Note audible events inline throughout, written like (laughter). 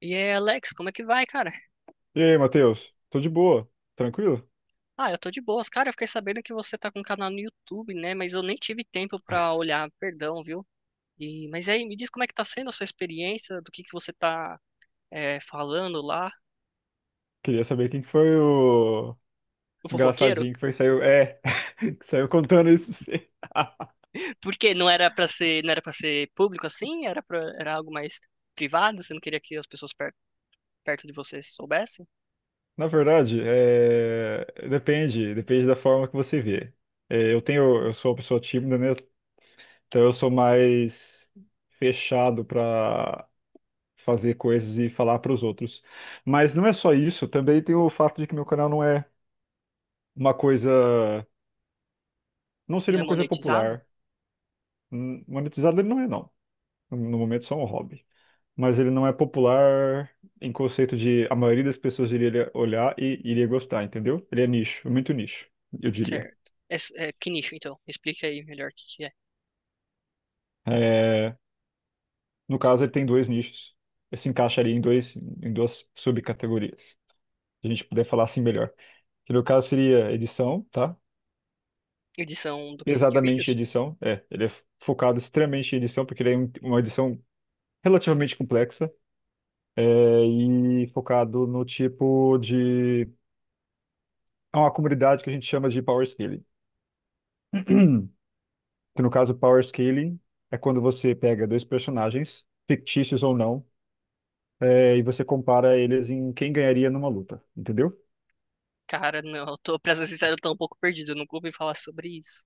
E é, Alex, como é que vai, cara? E aí, Matheus? Tô de boa, tranquilo? Ah, eu tô de boas. Cara, eu fiquei sabendo que você tá com um canal no YouTube, né? Mas eu nem tive tempo pra olhar, perdão, viu? E, mas aí, me diz como é que tá sendo a sua experiência, do que você tá falando lá, Queria saber quem que foi o o fofoqueiro? engraçadinho que (laughs) que saiu contando isso pra você. (laughs) Porque não era pra ser, não era para ser público assim, era algo mais privado, você não queria que as pessoas perto de você soubessem? Na verdade, depende da forma que você vê. Eu sou uma pessoa tímida, né? Então eu sou mais fechado pra fazer coisas e falar para os outros. Mas não é só isso, também tem o fato de que meu canal não é uma coisa, não seria Não é uma coisa monetizado? popular. Monetizado ele não é, não. No momento, só um hobby. Mas ele não é popular em conceito de a maioria das pessoas iria olhar e iria gostar, entendeu? Ele é nicho, é muito nicho, eu diria. Certo. Que nicho, então? Me explica aí melhor o que que é. É, no caso, ele tem dois nichos. Ele se encaixaria em dois, em duas subcategorias. Se a gente puder falar assim melhor. Que no caso seria edição, tá? Edição do quê? De Pesadamente vídeos? edição, é. Ele é focado extremamente em edição, porque ele é uma edição relativamente complexa. É, e focado no tipo de. É uma comunidade que a gente chama de power scaling. (clears throat) Que no caso, Power Scaling é quando você pega dois personagens, fictícios ou não, e você compara eles em quem ganharia numa luta, entendeu? Cara, não, eu tô, pra ser sincero, eu tô um pouco perdido, eu nunca ouvi falar sobre isso.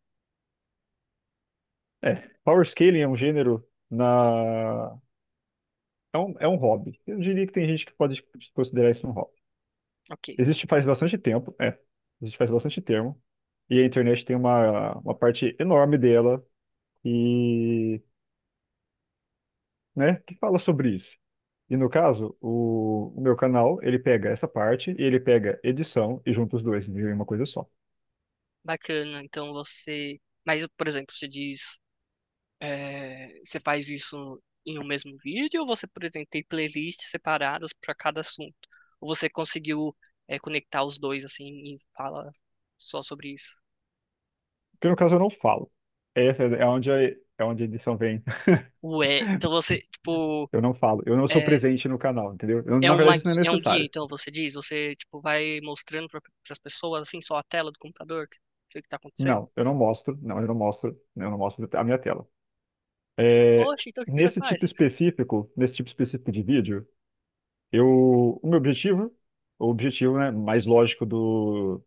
É, Power Scaling é um gênero na... É um hobby. Eu diria que tem gente que pode considerar isso um hobby. Ok, Existe faz bastante tempo, existe faz bastante tempo, e a internet tem uma parte enorme dela, e, né, que fala sobre isso. E no caso, o meu canal, ele pega essa parte e ele pega edição e junta os dois em uma coisa só. bacana, então você... Mas, por exemplo, você diz, você faz isso em um mesmo vídeo ou você, por exemplo, tem playlists separadas para cada assunto? Ou você conseguiu, conectar os dois, assim, e fala só sobre isso? Porque no caso eu não falo. Essa é onde a, É onde a edição vem. (laughs) Ué, então você, tipo, Eu não falo. Eu não sou é, presente no canal, entendeu? Na verdade, isso não é é um guia, necessário. então você diz? Você, tipo, vai mostrando para as pessoas, assim, só a tela do computador, o que que tá acontecendo? Não, eu não mostro. Não, eu não mostro. Eu não mostro a minha tela. É, Poxa, então o que que você faz? Nesse tipo específico de vídeo, eu, o meu objetivo, o objetivo, né, mais lógico do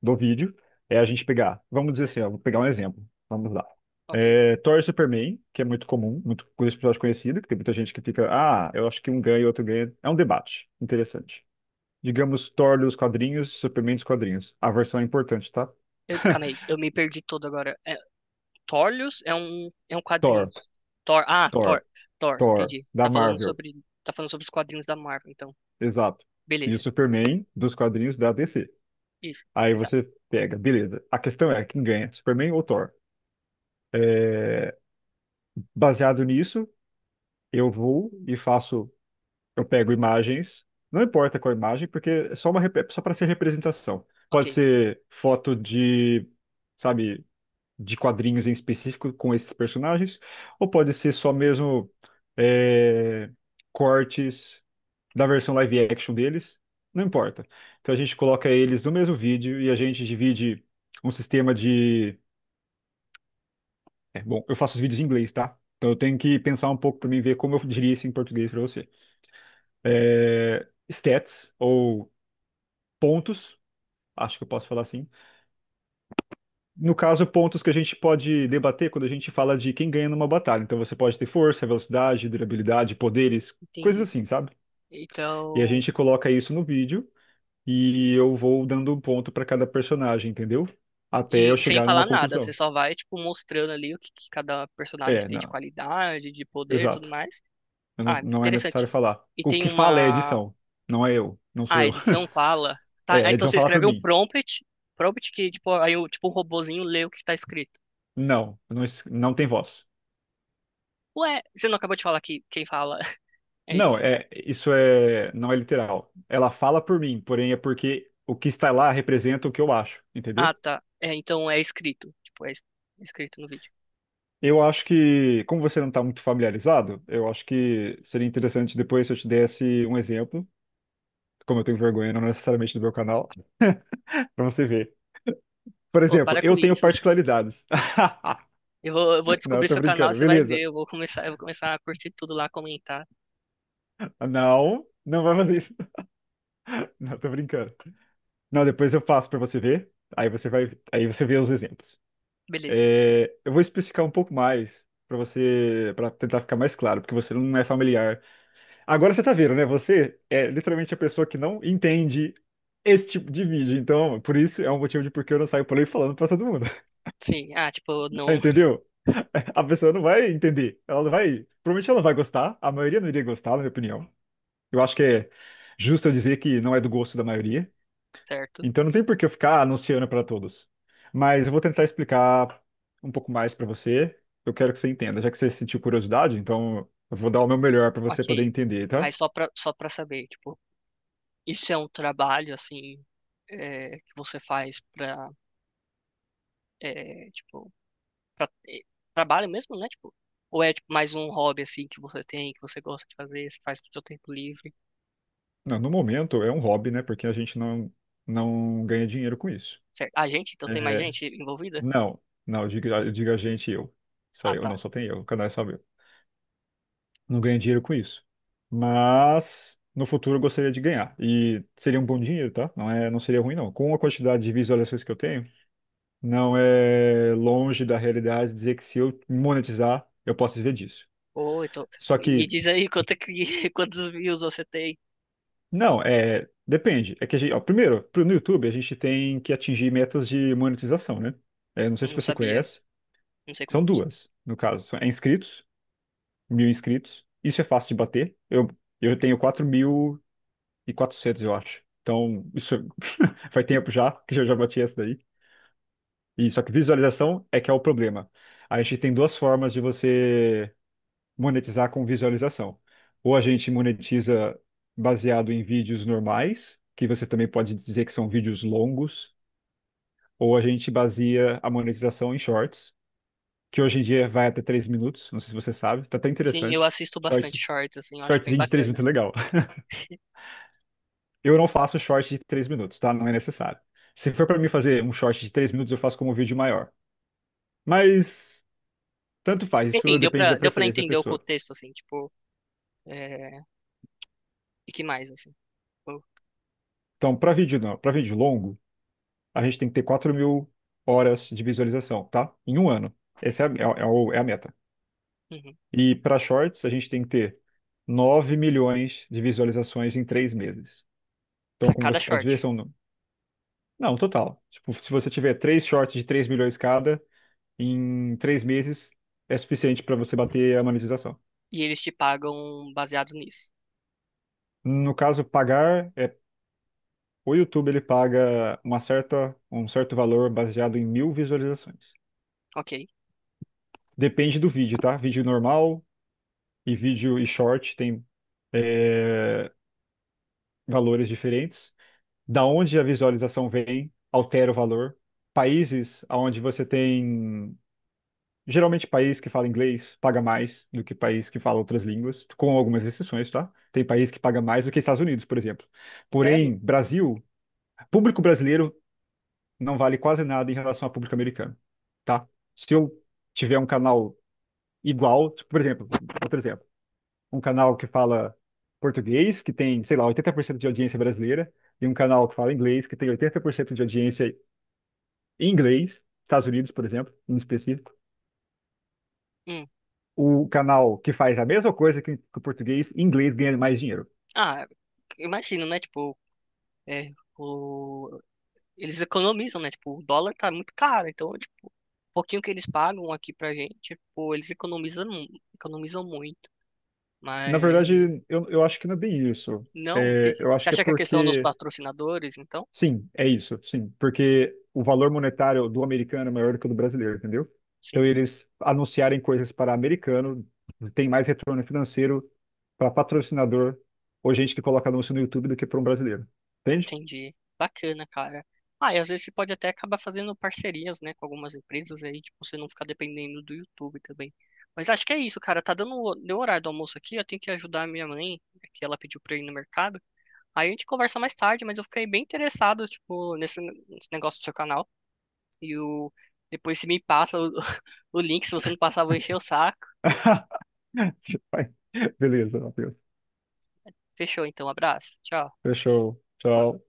do vídeo é a gente pegar, vamos dizer assim, ó, vou pegar um exemplo, vamos lá. Ok. Thor e Superman, que é muito comum, muito com esse episódio conhecido, que tem muita gente que fica, ah, eu acho que um ganha e outro ganha. É um debate interessante. Digamos Thor dos quadrinhos, Superman dos quadrinhos. A versão é importante, tá? Eu, calma aí, (laughs) eu me perdi todo agora. É, Thorlius é um quadrinho. Thor, Thor, ah, Thor, Thor, Thor, Thor, entendi. Você da Marvel, tá falando sobre os quadrinhos da Marvel, então. exato. E o Beleza. Superman dos quadrinhos da DC. Isso, Aí exato. você pega, beleza. A questão é quem ganha, Superman ou Thor? Baseado nisso, eu vou e faço. Eu pego imagens, não importa qual imagem, porque é só para ser representação. Ok, Pode ser foto de, sabe, de quadrinhos em específico com esses personagens, ou pode ser só mesmo é, cortes da versão live action deles, não importa. Então a gente coloca eles no mesmo vídeo e a gente divide um sistema de. Bom, eu faço os vídeos em inglês, tá? Então eu tenho que pensar um pouco para mim ver como eu diria isso em português para você. Stats ou pontos, acho que eu posso falar assim. No caso, pontos que a gente pode debater quando a gente fala de quem ganha numa batalha. Então você pode ter força, velocidade, durabilidade, poderes, coisas entendi. assim, sabe? E a Então, gente coloca isso no vídeo e eu vou dando um ponto para cada personagem, entendeu? Até eu e sem chegar numa falar nada, você conclusão. só vai, tipo, mostrando ali o que, que cada personagem É, tem de não, qualidade, de poder e tudo exato. mais. Eu Ah, não, não é necessário interessante. falar. E O tem que fala é a uma... edição, não é eu, não Ah, sou a eu. edição (laughs) fala... Tá, ah, A então edição você fala por escreve um mim. prompt, prompt que, tipo, aí o, tipo, um robozinho lê o que tá escrito. Não, não, não tem voz. Ué, você não acabou de falar que quem fala (laughs) Não, eles? Não é literal. Ela fala por mim, porém é porque o que está lá representa o que eu acho, entendeu? Ah, tá. É, então é escrito. É escrito no vídeo. Eu acho que, como você não está muito familiarizado, eu acho que seria interessante depois se eu te desse um exemplo, como eu tenho vergonha, não necessariamente do meu canal, (laughs) para você ver. Por Ô, exemplo, para eu com tenho isso. (laughs) particularidades. (laughs) Eu vou Não, descobrir tô seu canal, brincando, você vai ver. beleza. Eu vou começar a curtir tudo lá, comentar. Não, não vai fazer isso. (laughs) Não, tô brincando. Não, depois eu faço para você ver, aí você vê os exemplos. Beleza. Eu vou especificar um pouco mais para você, para tentar ficar mais claro, porque você não é familiar. Agora você tá vendo, né? Você é literalmente a pessoa que não entende esse tipo de vídeo. Então, por isso é um motivo de porque eu não saio por aí falando para todo mundo. Sim. Ah, tipo, (laughs) não. (laughs) Entendeu? A pessoa não vai entender. Ela não vai. Provavelmente ela não vai gostar. A maioria não iria gostar, na minha opinião. Eu acho que é justo eu dizer que não é do gosto da maioria. Certo. Então não tem por que eu ficar anunciando para todos. Mas eu vou tentar explicar um pouco mais para você. Eu quero que você entenda, já que você sentiu curiosidade, então eu vou dar o meu melhor para você poder Ok. entender, tá? Mas só pra saber, tipo, isso é um trabalho, assim, que você faz pra, é, tipo, pra, é, trabalho mesmo, né? Tipo, ou é, tipo, mais um hobby, assim, que você tem, que você gosta de fazer, você faz no seu tempo livre? Não, no momento é um hobby, né? Porque a gente não ganha dinheiro com isso. Certo. A gente? Então tem mais É, gente envolvida? não, não, diga a gente e eu. Só Ah, eu, não, tá. só tem eu, o canal é só meu. Não ganho dinheiro com isso. Mas no futuro eu gostaria de ganhar. E seria um bom dinheiro, tá? Não é, não seria ruim, não. Com a quantidade de visualizações que eu tenho. Não é longe da realidade dizer que se eu monetizar, eu posso viver disso. Ô, então, Só me que, diz aí quanto é que, (laughs) quantos views você tem. não, é. Depende. É que a gente, ó, primeiro, no YouTube, a gente tem que atingir metas de monetização, né? Não sei se Não você sabia. conhece. Não sei como São funciona. duas, no caso. É inscritos, 1.000 inscritos. Isso é fácil de bater. Eu tenho 4.400, eu acho. Então, faz tempo já que eu já bati essa daí. E, só que visualização é que é o problema. A gente tem duas formas de você monetizar com visualização. Ou a gente monetiza baseado em vídeos normais, que você também pode dizer que são vídeos longos, ou a gente baseia a monetização em shorts, que hoje em dia vai até 3 minutos, não sei se você sabe, tá até Sim, eu interessante. assisto bastante Short, shorts, assim, eu acho bem shortzinho de 3 bacana. minutos é legal. (laughs) Eu não faço short de 3 minutos, tá? Não é necessário. Se for para mim fazer um short de 3 minutos, eu faço como um vídeo maior. Mas tanto faz, Enfim, isso depende da deu pra preferência da entender o pessoa. contexto, assim, tipo, é, e que mais, assim. Tipo, Então, para vídeo não, para vídeo longo, a gente tem que ter 4.000 horas de visualização, tá? Em um ano. Essa é a, é a meta. uhum. E para shorts, a gente tem que ter 9 milhões de visualizações em 3 meses. Então, Pra como cada você pode ver, short. são. Não, total. Tipo, se você tiver três shorts de 3 milhões cada, em 3 meses é suficiente para você bater a monetização. E eles te pagam baseado nisso. No caso, pagar é. O YouTube ele paga uma certa, um certo valor baseado em 1.000 visualizações. Ok. Depende do vídeo, tá? Vídeo normal, e vídeo e short tem é, valores diferentes. Da onde a visualização vem, altera o valor. Países onde você tem. Geralmente, país que fala inglês paga mais do que país que fala outras línguas, com algumas exceções, tá? Tem país que paga mais do que Estados Unidos, por exemplo. Sério? Porém, Brasil, público brasileiro não vale quase nada em relação ao público americano, tá? Se eu tiver um canal igual, por exemplo, outro exemplo. Um canal que fala português, que tem, sei lá, 80% de audiência brasileira, e um canal que fala inglês, que tem 80% de audiência em inglês, Estados Unidos, por exemplo, em específico. Hum. O canal que faz a mesma coisa que o português, em inglês ganha mais dinheiro. Ah, imagino, né? É, o, eles economizam, né? Tipo, o dólar tá muito caro, então, tipo, o pouquinho que eles pagam aqui pra gente, pô, eles economizam, economizam muito. Na Mas verdade, eu acho que não é bem isso. não, o que É, que- eu você acho que é acha que é a questão dos porque patrocinadores, então? Sim, é isso, sim, porque o valor monetário do americano é maior do que o do brasileiro, entendeu? Então Sim, eles anunciarem coisas para americano tem mais retorno financeiro para patrocinador ou gente que coloca anúncio no YouTube do que para um brasileiro, entende? entendi. Bacana, cara. Ah, e às vezes você pode até acabar fazendo parcerias, né, com algumas empresas aí, tipo, você não ficar dependendo do YouTube também. Mas acho que é isso, cara. Deu o horário do almoço aqui, eu tenho que ajudar a minha mãe, que ela pediu pra eu ir no mercado. Aí a gente conversa mais tarde, mas eu fiquei bem interessado, tipo, nesse, nesse negócio do seu canal. E o, depois se me passa o, (laughs) o link, se você não passar, eu vou encher o saco. (laughs) Beleza, Matheus. Fechou, então, abraço. Tchau. Fechou. Tchau.